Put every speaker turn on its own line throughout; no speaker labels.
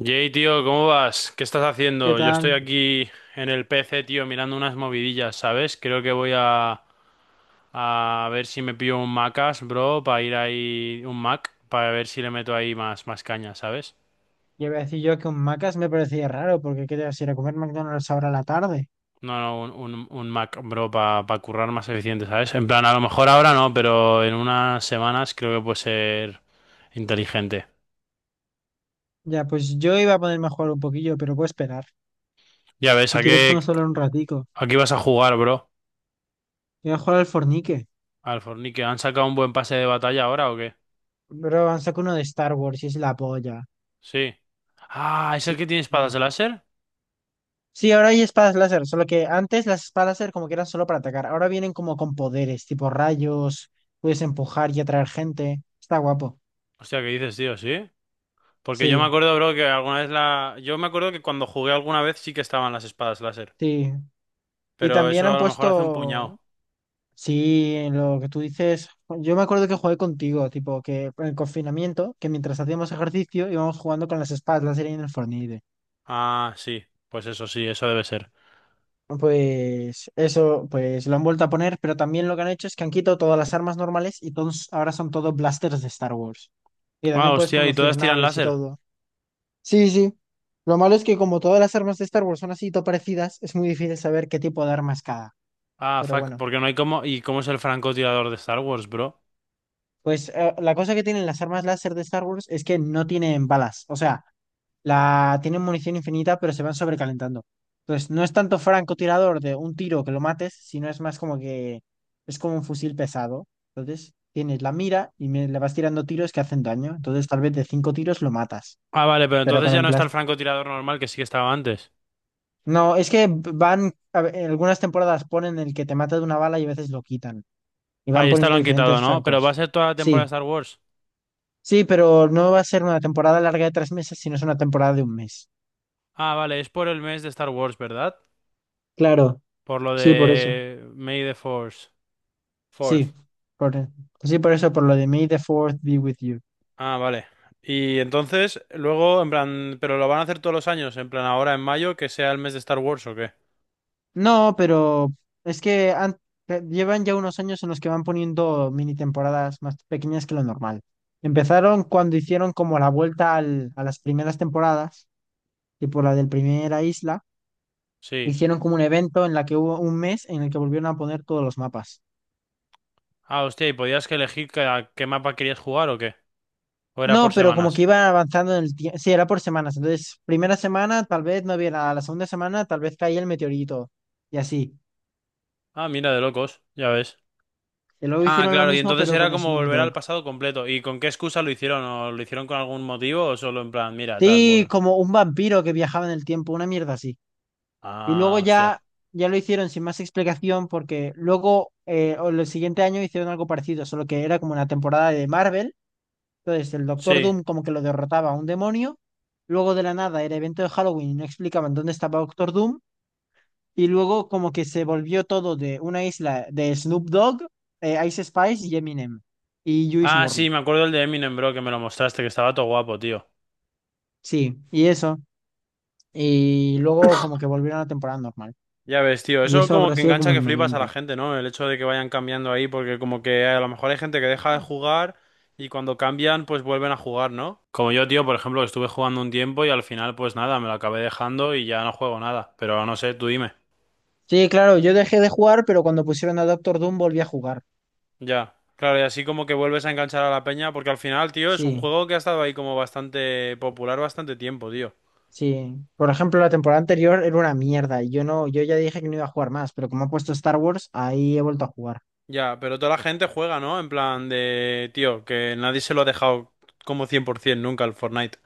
Jay, tío, ¿cómo vas? ¿Qué estás
¿Qué
haciendo? Yo estoy
tal?
aquí en el PC, tío, mirando unas movidillas, ¿sabes? Creo que voy a ver si me pillo un Macas, bro, para ir ahí, un Mac, para ver si le meto ahí más, más caña, ¿sabes?
Ya iba a decir yo que un Macas me parecía raro, porque qué te vas a ir a comer McDonald's ahora a la tarde.
No, no, un Mac, bro, para currar más eficiente, ¿sabes? En plan, a lo mejor ahora no, pero en unas semanas creo que puede ser inteligente.
Ya, pues yo iba a ponerme a jugar un poquillo, pero puedo esperar.
Ya ves,
Si
¿a
quieres
qué,
podemos hablar un ratico.
a qué vas a jugar, bro?
Voy a jugar al Fornique.
Al Fornique, ¿han sacado un buen pase de batalla ahora o qué?
Bro, han sacado uno de Star Wars y es la polla.
Sí. Ah, ¿es el
Sí,
que tiene espadas de
ya.
láser?
Sí, ahora hay espadas láser, solo que antes las espadas láser como que eran solo para atacar. Ahora vienen como con poderes, tipo rayos, puedes empujar y atraer gente. Está guapo.
Hostia, ¿qué dices, tío? ¿Sí? Porque yo me
Sí,
acuerdo, bro, que alguna vez la... Yo me acuerdo que cuando jugué alguna vez sí que estaban las espadas láser.
sí. Y
Pero
también
eso
han
a lo mejor hace un
puesto
puñado.
Sí, en lo que tú dices, yo me acuerdo que jugué contigo, tipo que en el confinamiento, que mientras hacíamos ejercicio íbamos jugando con las espadas láser y en el Fortnite.
Ah, sí. Pues eso sí, eso debe ser.
Pues eso, pues lo han vuelto a poner, pero también lo que han hecho es que han quitado todas las armas normales y todos, ahora son todos blasters de Star Wars. Y
Ah,
también puedes
hostia, ¿y
conducir
todas tiran
naves y
láser?
todo. Sí, sí. Lo malo es que como todas las armas de Star Wars son así todo parecidas, es muy difícil saber qué tipo de arma es cada.
Ah,
Pero
fuck,
bueno,
porque no hay como... ¿Y cómo es el francotirador de Star Wars, bro?
pues la cosa que tienen las armas láser de Star Wars es que no tienen balas. O sea, la tienen munición infinita, pero se van sobrecalentando. Entonces, no es tanto francotirador de un tiro que lo mates, sino es más como que es como un fusil pesado. Entonces, tienes la mira y le vas tirando tiros que hacen daño. Entonces, tal vez de cinco tiros lo matas.
Ah, vale, pero
Pero
entonces
con
ya
el
no está el
plástico.
francotirador normal que sí que estaba antes.
No, es que van, a ver, en algunas temporadas ponen el que te mata de una bala y a veces lo quitan. Y
Ah,
van
y esta lo
poniendo
han quitado,
diferentes
¿no? Pero va a
francos.
ser toda la temporada de
Sí,
Star Wars.
sí, pero no va a ser una temporada larga de 3 meses, sino es una temporada de un mes.
Ah, vale, es por el mes de Star Wars, ¿verdad?
Claro,
Por lo
sí, por eso.
de May the Force. Fourth.
Sí, por, e, sí, por eso, por lo de May the Fourth be with you.
Ah, vale. Y entonces, luego, en plan, ¿pero lo van a hacer todos los años? En plan, ahora en mayo, ¿que sea el mes de Star Wars o qué?
No, pero es que llevan ya unos años en los que van poniendo mini temporadas más pequeñas que lo normal. Empezaron cuando hicieron como la vuelta a las primeras temporadas, tipo la del Primera Isla,
Sí.
hicieron como un evento en la que hubo un mes en el que volvieron a poner todos los mapas.
Ah, hostia, ¿y podías que elegir que- a qué mapa querías jugar o qué? ¿O era por
No, pero como que
semanas?
iban avanzando en el tiempo. Sí, era por semanas. Entonces, primera semana tal vez no había nada, la segunda semana tal vez caía el meteorito y así.
Ah, mira, de locos, ya ves.
Y luego
Ah,
hicieron lo
claro, y
mismo,
entonces
pero
era
con
como
Snoop
volver
Dogg.
al pasado completo. ¿Y con qué excusa lo hicieron? ¿O lo hicieron con algún motivo o solo en plan, mira, tal,
Sí,
vol-
como un vampiro que viajaba en el tiempo, una mierda así. Y luego
Ah, hostia.
ya, ya lo hicieron sin más explicación, porque luego, o el siguiente año hicieron algo parecido, solo que era como una temporada de Marvel. Entonces, el Doctor
Sí.
Doom como que lo derrotaba a un demonio. Luego de la nada era evento de Halloween y no explicaban dónde estaba Doctor Doom. Y luego como que se volvió todo de una isla de Snoop Dogg, Ice Spice y Eminem y Juice
Ah,
WRLD.
sí, me acuerdo el de Eminem, bro, que me lo mostraste, que estaba todo guapo, tío.
Sí, y eso. Y luego como que volvieron a temporada normal.
Ya ves, tío,
Y
eso
eso
como
habrá
que
sido
engancha
como
que
en
flipas a la
noviembre.
gente, ¿no? El hecho de que vayan cambiando ahí, porque como que a lo mejor hay gente que deja de jugar y cuando cambian, pues vuelven a jugar, ¿no? Como yo, tío, por ejemplo, que estuve jugando un tiempo y al final, pues nada, me lo acabé dejando y ya no juego nada. Pero no sé, tú dime.
Sí, claro, yo dejé de jugar, pero cuando pusieron a Doctor Doom volví a jugar.
Ya, claro, y así como que vuelves a enganchar a la peña, porque al final, tío, es un
Sí,
juego que ha estado ahí como bastante popular bastante tiempo, tío.
sí. Por ejemplo, la temporada anterior era una mierda y yo no, yo ya dije que no iba a jugar más, pero como ha puesto Star Wars, ahí he vuelto a jugar.
Ya, pero toda la gente juega, ¿no? En plan de, tío, que nadie se lo ha dejado como 100% nunca al Fortnite.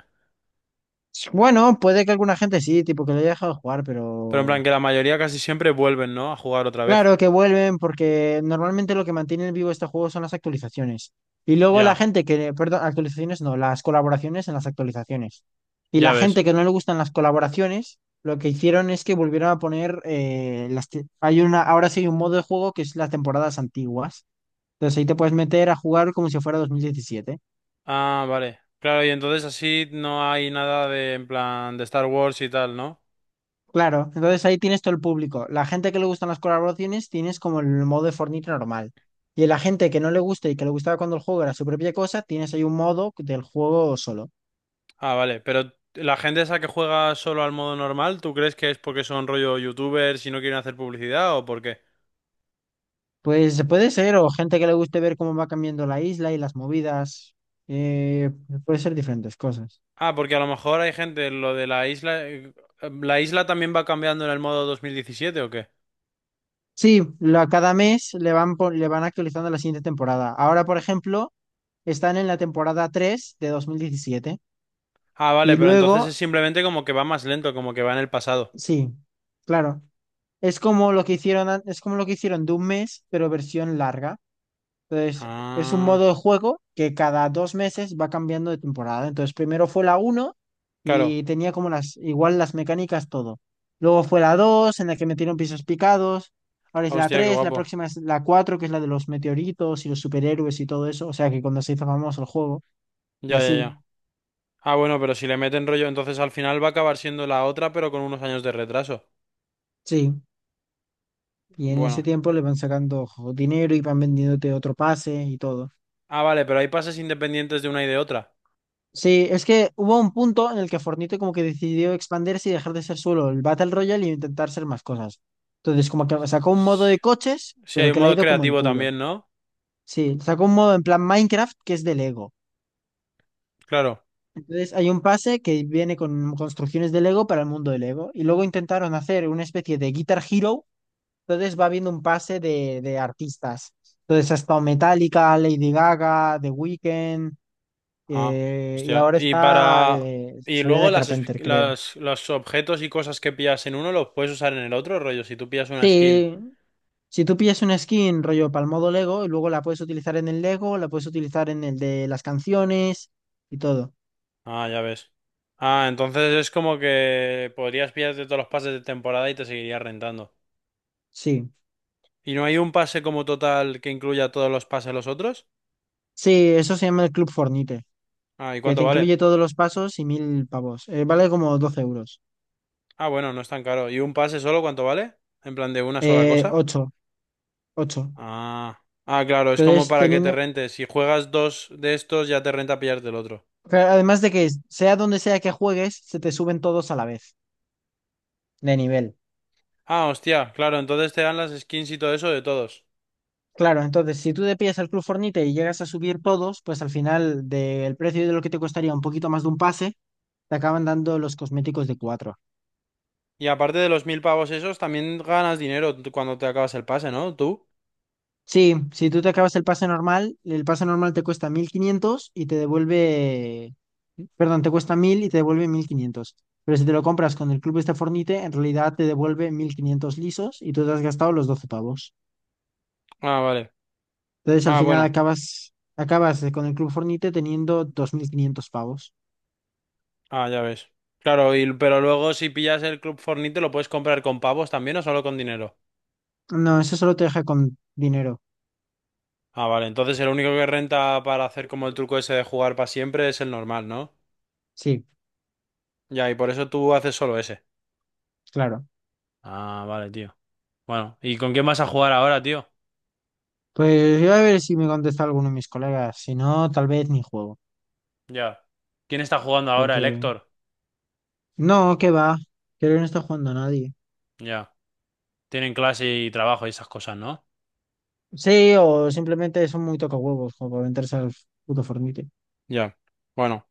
Bueno, puede que alguna gente sí, tipo que lo haya dejado de jugar,
Pero en plan
pero.
que la mayoría casi siempre vuelven, ¿no? A jugar otra vez.
Claro que vuelven porque normalmente lo que mantiene vivo este juego son las actualizaciones. Y luego la
Ya,
gente que, perdón, actualizaciones no, las colaboraciones en las actualizaciones. Y
ya
la
ves.
gente que no le gustan las colaboraciones, lo que hicieron es que volvieron a poner hay una, ahora sí hay un modo de juego que es las temporadas antiguas. Entonces ahí te puedes meter a jugar como si fuera 2017.
Ah, vale. Claro, y entonces así no hay nada de, en plan, de Star Wars y tal, ¿no?
Claro, entonces ahí tienes todo el público. La gente que le gustan las colaboraciones tienes como el modo de Fortnite normal. Y la gente que no le gusta y que le gustaba cuando el juego era su propia cosa, tienes ahí un modo del juego solo.
Ah, vale. Pero la gente esa que juega solo al modo normal, ¿tú crees que es porque son rollo youtubers y no quieren hacer publicidad o por qué?
Pues puede ser, o gente que le guste ver cómo va cambiando la isla y las movidas. eh, Puede ser diferentes cosas.
Ah, porque a lo mejor hay gente, lo de la isla... ¿La isla también va cambiando en el modo 2017 o qué?
Sí, cada mes le van, le van actualizando la siguiente temporada. Ahora, por ejemplo, están en la temporada 3 de 2017.
Ah, vale,
Y
pero entonces es
luego,
simplemente como que va más lento, como que va en el pasado.
sí, claro. Es como lo que hicieron de un mes, pero versión larga. Entonces, es un
Ah,
modo de juego que cada 2 meses va cambiando de temporada. Entonces, primero fue la uno
claro.
y tenía como las, igual las mecánicas, todo. Luego fue la 2 en la que metieron pisos picados. Ahora es la
Hostia, qué
tres, la
guapo.
próxima es la cuatro, que es la de los meteoritos y los superhéroes y todo eso. O sea que cuando se hizo famoso el juego, y
Ya, ya,
así,
ya. Ah, bueno, pero si le meten rollo, entonces al final va a acabar siendo la otra, pero con unos años de retraso.
sí. Y en ese
Bueno.
tiempo le van sacando dinero y van vendiéndote otro pase y todo.
Ah, vale, pero hay pases independientes de una y de otra.
Sí, es que hubo un punto en el que Fortnite como que decidió expandirse y dejar de ser solo el Battle Royale y intentar ser más cosas. Entonces, como que sacó un modo
S-
de coches,
Sí, hay
pero
un
que le ha
modo
ido como el
creativo
culo.
también, ¿no?
Sí, sacó un modo en plan Minecraft que es de Lego.
Claro.
Entonces, hay un pase que viene con construcciones de Lego para el mundo de Lego. Y luego intentaron hacer una especie de Guitar Hero. Entonces, va habiendo un pase de artistas. Entonces, ha estado Metallica, Lady Gaga, The Weeknd.
Ah,
Y
hostia.
ahora
Y
está
para... Y
Sabrina
luego
Carpenter, creo.
los objetos y cosas que pillas en uno los puedes usar en el otro, rollo, si tú pillas una skin.
Sí, si tú pillas una skin rollo para el modo Lego y luego la puedes utilizar en el Lego, la puedes utilizar en el de las canciones y todo.
Ah, ya ves. Ah, entonces es como que podrías pillarte todos los pases de temporada y te seguirías rentando.
Sí,
¿Y no hay un pase como total que incluya todos los pases de los otros?
sí, eso se llama el Club Fornite,
Ah, ¿y
que te
cuánto vale?
incluye todos los pasos y 1.000 pavos. Vale como 12 euros.
Ah, bueno, no es tan caro. ¿Y un pase solo cuánto vale? En plan de una sola
Eh,
cosa.
ocho. 8.
Ah. Ah, claro, es como
Entonces,
para que te
teniendo,
rentes. Si juegas dos de estos, ya te renta pillarte el otro.
claro, además de que sea donde sea que juegues, se te suben todos a la vez de nivel.
Ah, hostia, claro, entonces te dan las skins y todo eso de todos.
Claro, entonces si tú te pillas el Club Fornite y llegas a subir todos, pues al final del precio de lo que te costaría un poquito más de un pase te acaban dando los cosméticos de 4.
Y aparte de los mil pavos esos, también ganas dinero tú cuando te acabas el pase, ¿no? ¿Tú?
Sí, si tú te acabas el pase normal te cuesta 1.500 y te devuelve, perdón, te cuesta 1.000 y te devuelve 1.500. Pero si te lo compras con el Club este Fornite, en realidad te devuelve 1.500 lisos y tú te has gastado los 12 pavos.
Ah, vale.
Entonces al
Ah,
final
bueno.
acabas con el Club Fornite teniendo 2.500 pavos.
Ah, ya ves. Claro, y, pero luego si pillas el Club Fortnite, ¿lo puedes comprar con pavos también o solo con dinero?
No, eso solo te deja con dinero.
Ah, vale, entonces el único que renta para hacer como el truco ese de jugar para siempre es el normal, ¿no?
Sí,
Ya, y por eso tú haces solo ese.
claro.
Ah, vale, tío. Bueno, ¿y con quién vas a jugar ahora, tío?
Pues voy a ver si me contesta alguno de mis colegas. Si no, tal vez ni juego.
Ya. ¿Quién está jugando ahora, el
Porque
Héctor?
No, que va. Creo que no está jugando a nadie.
Ya. Tienen clase y trabajo y esas cosas, ¿no?
Sí, o simplemente son muy tocahuevos como para meterse al puto Fornite.
Ya. Bueno,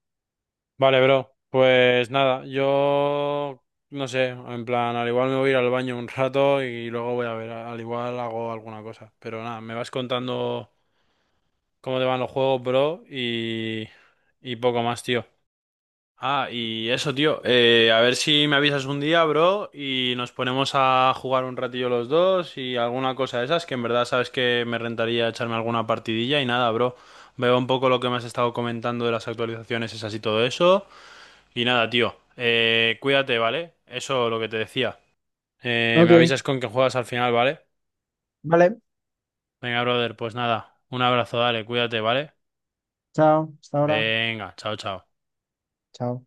vale, bro. Pues nada, yo no sé, en plan, al igual me voy a ir al baño un rato y luego voy a ver, al igual hago alguna cosa. Pero nada, me vas contando cómo te van los juegos, bro, y poco más, tío. Ah, y eso, tío. A ver si me avisas un día, bro, y nos ponemos a jugar un ratillo los dos y alguna cosa de esas, que en verdad sabes que me rentaría echarme alguna partidilla y nada, bro. Veo un poco lo que me has estado comentando de las actualizaciones esas y todo eso. Y nada, tío. Cuídate, ¿vale? Eso lo que te decía. Me
Ok,
avisas con que juegas al final, ¿vale?
vale.
Venga, brother, pues nada. Un abrazo, dale, cuídate, ¿vale?
Chao. Hasta ahora.
Venga, chao, chao.
Chao.